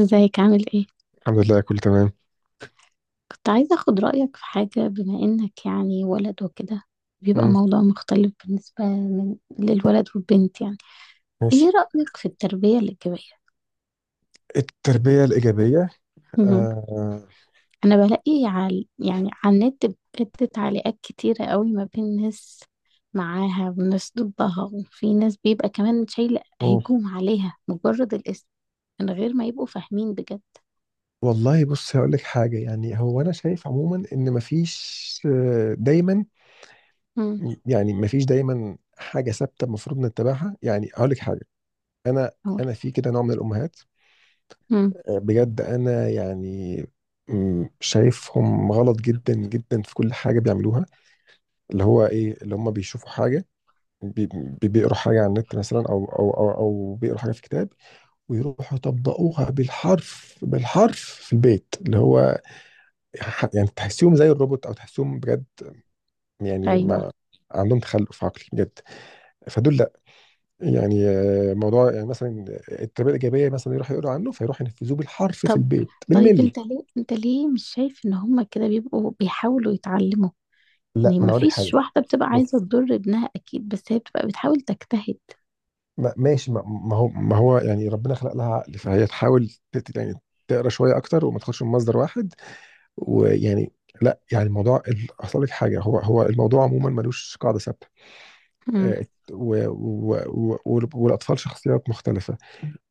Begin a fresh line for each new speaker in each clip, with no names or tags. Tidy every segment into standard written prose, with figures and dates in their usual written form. ازيك؟ عامل ايه؟
الحمد لله كله تمام.
كنت عايزة اخد رأيك في حاجة، بما انك ولد وكده، بيبقى
مم.
موضوع مختلف بالنسبة للولد والبنت يعني.
ماشي.
ايه رأيك في التربية الإيجابية؟
التربية الإيجابية.
مهم.
آه.
انا بلاقي على على النت بجد تعليقات كتيرة قوي، ما بين ناس معاها وناس ضدها، وفي ناس بيبقى كمان شايلة
أوه.
هجوم عليها مجرد الاسم، من غير ما يبقوا فاهمين بجد.
والله بص هقول لك حاجة، يعني هو أنا شايف عموما إن مفيش دايما،
امم،
يعني مفيش دايما حاجة ثابتة المفروض نتبعها. يعني هقول لك حاجة. أنا
اقول.
أنا في كده نوع من الأمهات.
امم.
بجد أنا يعني شايفهم غلط جدا جدا في كل حاجة بيعملوها، اللي هو إيه اللي هم بيشوفوا حاجة، بي- بيقروا حاجة على النت مثلا، أو بيقروا حاجة في كتاب ويروحوا يطبقوها بالحرف بالحرف في البيت، اللي هو يعني تحسيهم زي الروبوت او تحسيهم بجد يعني
ايوه.
ما عندهم تخلف عقلي بجد. فدول لا، يعني موضوع يعني مثلا التربيه الايجابيه مثلا يروحوا يقولوا عنه فيروحوا ينفذوه بالحرف في
طب
البيت
طيب،
بالملي.
انت ليه مش شايف ان هما كده بيبقوا بيحاولوا يتعلموا؟
لا،
يعني
ما انا
ما
اقول لك حاجه،
فيش واحدة بتبقى عايزة
بص،
تضر ابنها اكيد، بس هي بتبقى بتحاول تجتهد.
ما ماشي ما هو يعني ربنا خلق لها عقل، فهي تحاول يعني تقرا شويه اكتر وما تاخدش من مصدر واحد، ويعني لا، يعني الموضوع اصل لك حاجه، هو الموضوع عموما ملوش قاعده ثابته.
امم.
آه، و- والاطفال شخصيات مختلفه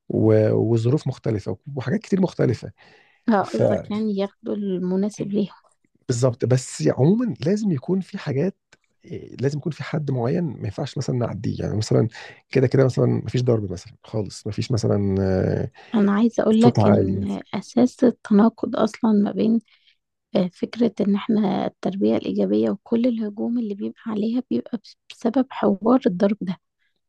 وظروف مختلفه وحاجات كتير مختلفه،
اه، قصدك
فبالظبط.
يعني ياخدوا المناسب ليهم.
بس عموما لازم يكون في حاجات، لازم يكون في حد معين ما ينفعش مثلا نعديه، يعني مثلا كده كده مثلا ما فيش ضرب مثلا خالص، ما فيش مثلا
انا عايزة اقول
صوت
لك
عالي.
ان اساس التناقض اصلا ما بين فكرة ان احنا التربية الايجابية، وكل الهجوم اللي بيبقى عليها بيبقى بسبب حوار الضرب ده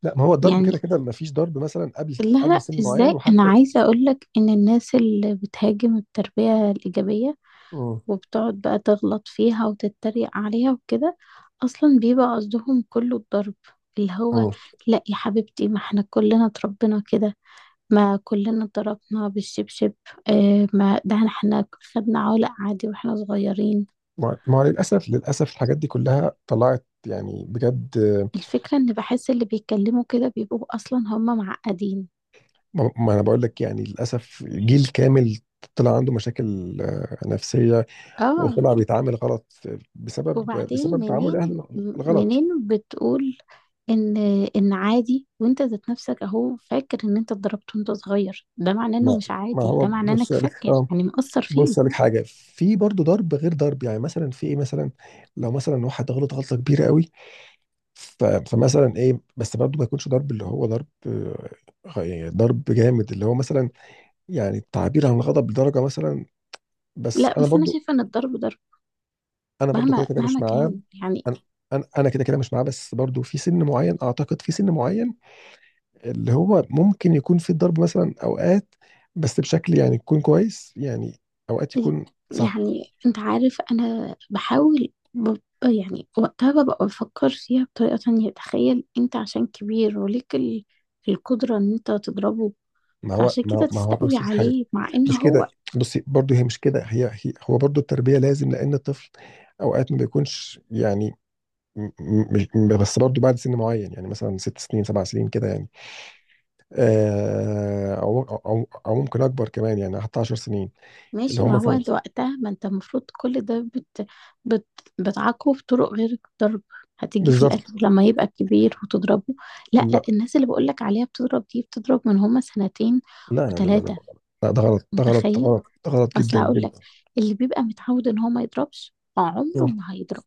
لا، ما هو الضرب كده
يعني.
كده ما فيش ضرب مثلا قبل
لها
سن معين.
ازاي؟ انا
وحتى
عايزة اقول لك ان الناس اللي بتهاجم التربية الايجابية
مم.
وبتقعد بقى تغلط فيها وتتريق عليها وكده، اصلا بيبقى قصدهم كله الضرب، اللي هو
مم.
لا يا حبيبتي، ما احنا كلنا اتربينا كده، ما كلنا اتضربنا بالشبشب. اه، ما ده احنا خدنا علق عادي واحنا صغيرين.
ما هو للاسف للاسف الحاجات دي كلها طلعت يعني بجد.
الفكرة ان بحس اللي بيتكلموا كده بيبقوا اصلا هم معقدين.
ما انا بقول لك، يعني للاسف جيل كامل طلع عنده مشاكل نفسيه،
اه.
وطلع بيتعامل غلط بسبب
وبعدين
تعامل
منين؟
الاهل الغلط.
منين بتقول ان ان عادي؟ وانت ذات نفسك اهو فاكر ان انت اتضربت وانت صغير، ده معناه انه
ما
مش
ما
عادي،
هو
ده معناه
بص
انك
لك،
فاكر،
اه،
يعني مأثر
بص
فيك.
لك حاجه، في برضه ضرب غير ضرب، يعني مثلا في ايه مثلا لو مثلا واحد غلط غلطه كبيره قوي، فمثلا ايه، بس برضه ما يكونش ضرب اللي هو ضرب، يعني ضرب جامد اللي هو مثلا يعني تعبير عن الغضب لدرجه مثلا. بس
لا،
انا
بس انا
برضو،
شايفه ان الضرب ضرب
انا برضو كده
مهما
كده مش معاه.
كان يعني.
انا انا أنا كده كده مش معاه، بس برضو في سن معين، اعتقد في سن معين اللي هو ممكن يكون في الضرب مثلا اوقات، بس بشكل يعني يكون كويس يعني، اوقات يكون صح.
يعني انت عارف انا بحاول ب... يعني وقتها ببقى بفكر فيها بطريقه تانية. تخيل انت عشان كبير وليك القدره ان انت تضربه،
ما هو
فعشان
ما هو
كده
ما هو
تستقوي
بص لحاجه،
عليه، مع ان
مش كده،
هو
بصي برضو هي مش كده، هي هو برضو التربيه لازم، لان الطفل اوقات ما بيكونش يعني م- م- بس برضو بعد سن معين، يعني مثلا ست سنين سبع سنين كده، يعني آه، او او او أو ممكن اكبر كمان يعني حتى 10 سنين، اللي
ماشي.
هو
ما هو
مثلا
انت وقتها، ما انت المفروض كل ده بت... بتعاقبه بطرق غير الضرب، هتيجي في الاخر
بالظبط.
لما يبقى كبير وتضربه. لا،
لا
الناس اللي بقولك عليها بتضرب دي بتضرب من هما سنتين
لا لا لا لا لا
وتلاتة.
لا، ده غلط ده غلط ده
متخيل؟
غلط ده غلط
اصل
جدا
هقولك،
جدا.
اللي بيبقى متعود ان هو ما يضربش عمره
مم.
ما هيضرب.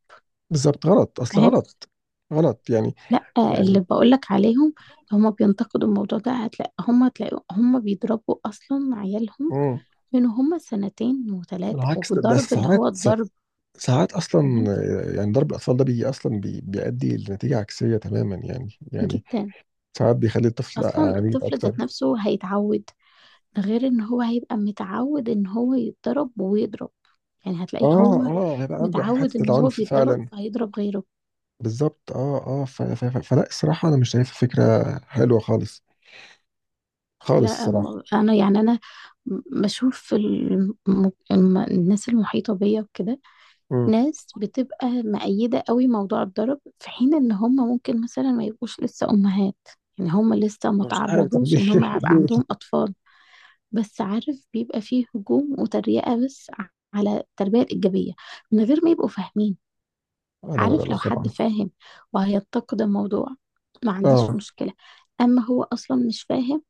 بالظبط، غلط اصل،
فاهم؟
غلط غلط يعني
لا، اللي
يعني
بقولك عليهم، هما بينتقدوا الموضوع ده، هتلاقي هما، تلاقي هما بيضربوا اصلا عيالهم
مم.
من هما سنتين وتلاتة،
بالعكس ده
وبضرب اللي هو
ساعات،
الضرب.
ساعات اصلا
فاهم؟
يعني ضرب الاطفال ده بيجي اصلا بيؤدي لنتيجه عكسيه تماما، يعني
جدا.
ساعات بيخلي الطفل
اصلا
عنيد
الطفل ذات
اكتر.
نفسه هيتعود، ده غير ان هو هيبقى متعود ان هو يتضرب ويضرب. يعني هتلاقيه هو
اه اه، هيبقى عنده
متعود
حته
ان هو
العنف
بيتضرب
فعلا.
فهيضرب غيره.
بالظبط، اه اه، فلا، الصراحه انا مش شايفها فكره حلوه خالص، خالص
لا
الصراحه.
انا بشوف في الناس المحيطة بيا وكده.
مم.
ناس بتبقى مؤيدة قوي موضوع الضرب، في حين ان هم ممكن مثلا ما يبقوش لسه امهات، يعني هم لسه ما
مش عارف طب
تعرضوش ان هم يبقى
ليه
عندهم اطفال. بس عارف بيبقى فيه هجوم وتريقة على التربية الإيجابية من غير ما يبقوا فاهمين.
آه، لا لا لا
عارف،
لا
لو حد
طبعا.
فاهم وهينتقد الموضوع، ما عنديش
اه،
مشكلة. أما هو أصلا مش فاهم،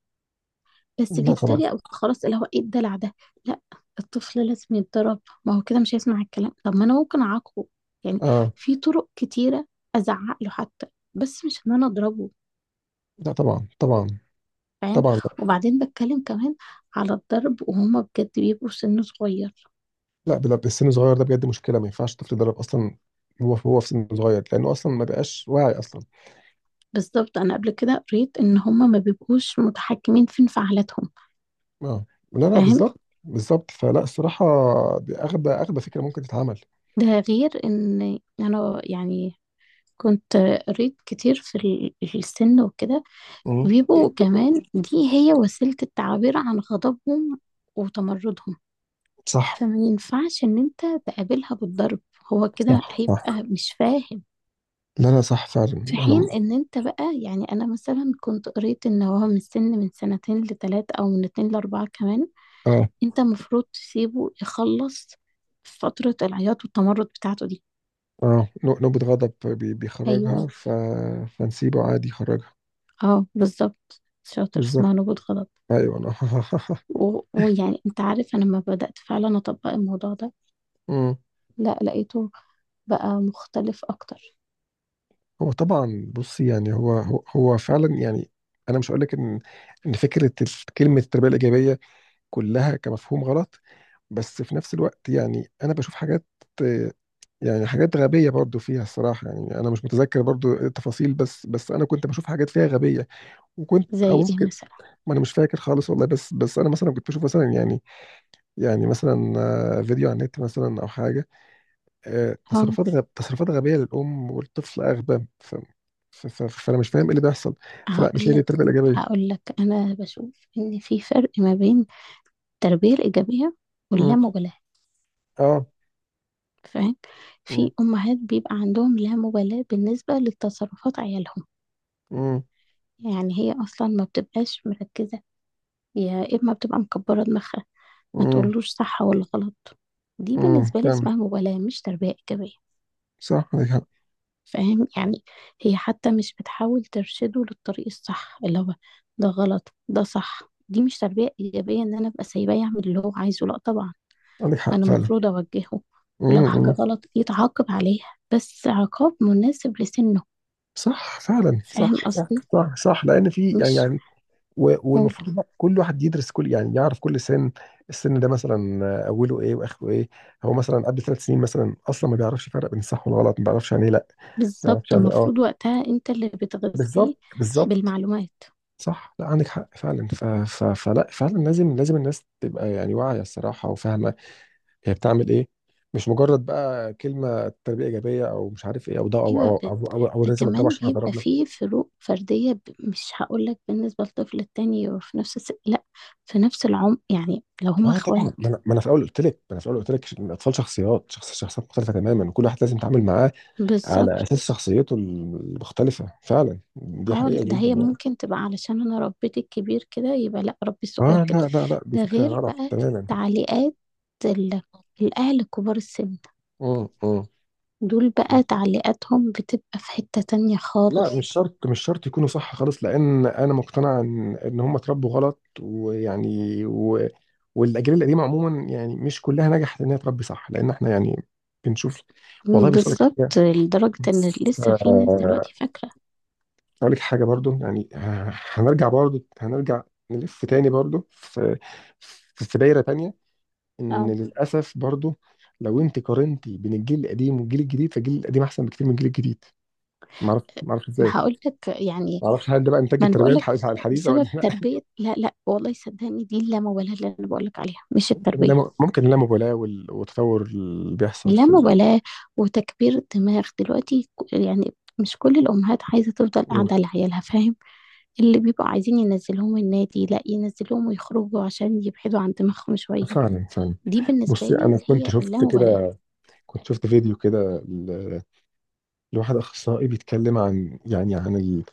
بس
لا طبعا.
بيتريق خلاص، اللي هو إيه الدلع ده؟ لا، الطفل لازم يتضرب، ما هو كده مش هيسمع الكلام. طب ما أنا ممكن أعاقبه يعني،
اه،
في طرق كتيرة، أزعق له حتى، بس مش إن أنا أضربه.
لا طبعا طبعا.
فاهم؟
طبعا لا.
وبعدين بتكلم كمان على الضرب وهما بجد بيبقوا سن صغير.
لا، السن الصغير ده بجد مشكله، ما ينفعش الطفل يتدرب اصلا، هو في سن صغير لانه اصلا ما بقاش واعي اصلا.
بالضبط، أنا قبل كده قريت إن هم ما بيبقوش متحكمين في انفعالاتهم.
اه، لا لا
فاهم؟
بالظبط بالظبط، فلا الصراحه دي اغبى اغبى فكره ممكن تتعمل.
ده غير إن أنا كنت قريت كتير في في السن وكده،
مم.
بيبقوا كمان دي هي وسيلة التعبير عن غضبهم وتمردهم،
صح
فما ينفعش إن أنت تقابلها بالضرب، هو كده
صح صح.
هيبقى مش فاهم.
لا لا صح فعلا،
في
انا
حين إن أنت بقى يعني، أنا مثلا كنت قريت إن هو من السن، من سنتين لتلاتة أو من اتنين لأربعة كمان،
اه
انت المفروض تسيبه يخلص فترة العياط والتمرد بتاعته دي.
اه، نوبة غضب بيخرجها،
ايوه.
فنسيبه عادي يخرجها،
اه بالظبط، شاطر، اسمها
بالظبط.
نبوة غضب.
ايوه انا
ويعني انت عارف انا لما بدأت فعلا اطبق الموضوع ده،
مم.
لا لقيته بقى مختلف اكتر.
هو طبعا، بص، يعني هو فعلا يعني انا مش هقول لك ان، ان فكره كلمه التربيه الايجابيه كلها كمفهوم غلط، بس في نفس الوقت يعني انا بشوف حاجات، آه، يعني حاجات غبيه برضو فيها الصراحه. يعني انا مش متذكر برضو التفاصيل، بس انا كنت بشوف حاجات فيها غبيه، وكنت او
زي ايه
ممكن.
مثلا؟
ما انا مش فاكر خالص والله، بس انا مثلا كنت بشوف مثلا يعني، يعني مثلا فيديو على النت مثلا او حاجه،
اه،
تصرفات تصرفات غبيه للام والطفل اغبى فانا مش فاهم ايه اللي بيحصل. فلا مش
هقول
هي دي
لك.
التربيه الايجابيه.
هقول لك انا بشوف ان في فرق ما بين التربية الإيجابية
امم.
واللامبالاة.
اه.
فاهم؟
امم.
في امهات بيبقى عندهم لا مبالاة بالنسبة لتصرفات عيالهم.
امم.
يعني هي أصلا ما بتبقاش مركزة، يا إما بتبقى مكبرة دماغها، ما
امم.
تقولوش صح ولا غلط. دي
امم.
بالنسبة لي
فاهم.
اسمها مبالاة، مش تربية إيجابية.
صح عندك حق.
فاهم يعني؟ هي حتى مش بتحاول ترشده للطريق الصح، اللي هو ده غلط ده صح. دي مش تربية إيجابية إن أنا أبقى سايباه يعمل اللي هو عايزه، لأ طبعا،
عندك حق
أنا
فعلا.
المفروض أوجهه،
امم.
ولو حاجة
أمم.
غلط يتعاقب عليها، بس عقاب مناسب لسنه.
صح فعلا صح
فاهم
صح
قصدي؟
صح, صح. لان في يعني
مش
يعني
قول.
والمفروض إن كل واحد يدرس كل، يعني يعرف كل سن، السن ده مثلا اوله ايه واخره ايه، هو مثلا قبل ثلاث سنين مثلا اصلا ما بيعرفش يفرق بين الصح والغلط، ما بيعرفش يعني ايه لا، ما بيعرفش
بالظبط،
يعني إيه. اه،
المفروض وقتها انت اللي بتغذيه
بالظبط بالظبط،
بالمعلومات.
صح، لا عندك حق فعلا، فلا فعلا لازم، الناس تبقى يعني واعية الصراحة وفاهمة هي بتعمل ايه، مش مجرد بقى كلمة تربية إيجابية أو مش عارف إيه أو ده، أو
ايوه.
أو أو, أو, أو
ده
لازم أضربه
كمان
عشان
بيبقى
هضربنا.
فيه فروق فردية، مش هقولك بالنسبة للطفل التاني في نفس لا، في نفس العمر، يعني لو هما
آه طبعا،
اخوات.
ما أنا في الأول قلت لك ما أنا في الأول قلت لك إن الأطفال شخصيات شخصيات مختلفة تماما، كل واحد لازم يتعامل معاه على
بالظبط.
أساس شخصيته المختلفة فعلا، دي
اه لا،
حقيقة
ده
جدا
هي
يعني.
ممكن تبقى علشان انا ربيت الكبير كده يبقى لا، ربي الصغير
آه
كده.
لا لا لا، دي
ده
فكرة
غير
غلط
بقى
تماما.
تعليقات ال... الاهل كبار السن،
امم.
دول بقى تعليقاتهم بتبقى في حتة تانية
لا،
خالص.
مش شرط مش شرط يكونوا صح خالص، لان انا مقتنع ان هم اتربوا غلط ويعني والاجيال القديمه عموما يعني مش كلها نجحت ان هي تربي صح، لان احنا يعني بنشوف. والله بص لك
بالظبط،
حاجه،
لدرجة ان لسه في ناس
آه،
دلوقتي فاكرة.
اقول لك حاجه برضو يعني، هنرجع برضو هنرجع نلف تاني برضو في دايره تانيه ان
اه،
للاسف برضو، لو انت قارنتي بين الجيل القديم والجيل الجديد فالجيل القديم احسن بكتير من الجيل الجديد، معرفش معرفش
ما
ازاي،
هقول لك يعني،
ما اعرفش هل ده بقى انتاج
ما انا
التربيه
بقول لك،
الحديثه ولا
بسبب
لا،
تربية، لا لا والله صدقني، دي اللامبالاة اللي انا بقول لك عليها، مش
ممكن
التربية.
اللا ممكن اللامبالاه والتطور اللي بيحصل في
اللامبالاة وتكبير الدماغ دلوقتي، يعني مش كل الأمهات عايزة تفضل
مم.
قاعدة لعيالها. فاهم؟ اللي بيبقوا عايزين ينزلوهم النادي، لا ينزلوهم ويخرجوا عشان يبعدوا عن دماغهم شوية.
فعلا فعلا،
دي بالنسبة
بصي
لي
انا
اللي
كنت
هي
شفت
اللامبالاة.
كده، كنت شفت فيديو كده ل- لواحد اخصائي بيتكلم عن، يعني عن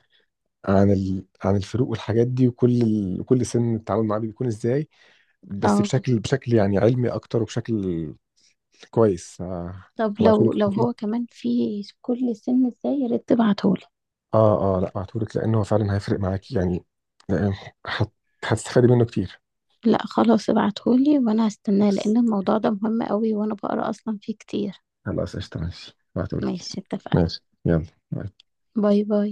عن عن الفروق والحاجات دي وكل كل سن التعامل معاه بيكون ازاي، بس
اه،
بشكل بشكل يعني علمي اكتر وبشكل كويس.
طب
هبعتهولك،
لو هو كمان في كل سن ازاي، يا ريت تبعتهولي.
اه اه، لا هبعتهولك لانه فعلا هيفرق معاكي يعني، لأن هت- هتستفادي منه كتير،
لا خلاص، ابعتهولي وانا هستناه،
بس
لان الموضوع ده مهم قوي، وانا بقرا اصلا فيه كتير.
خلاص قشطة، ماشي بعتهولك.
ماشي، اتفقنا.
ماشي يلا باي.
باي باي.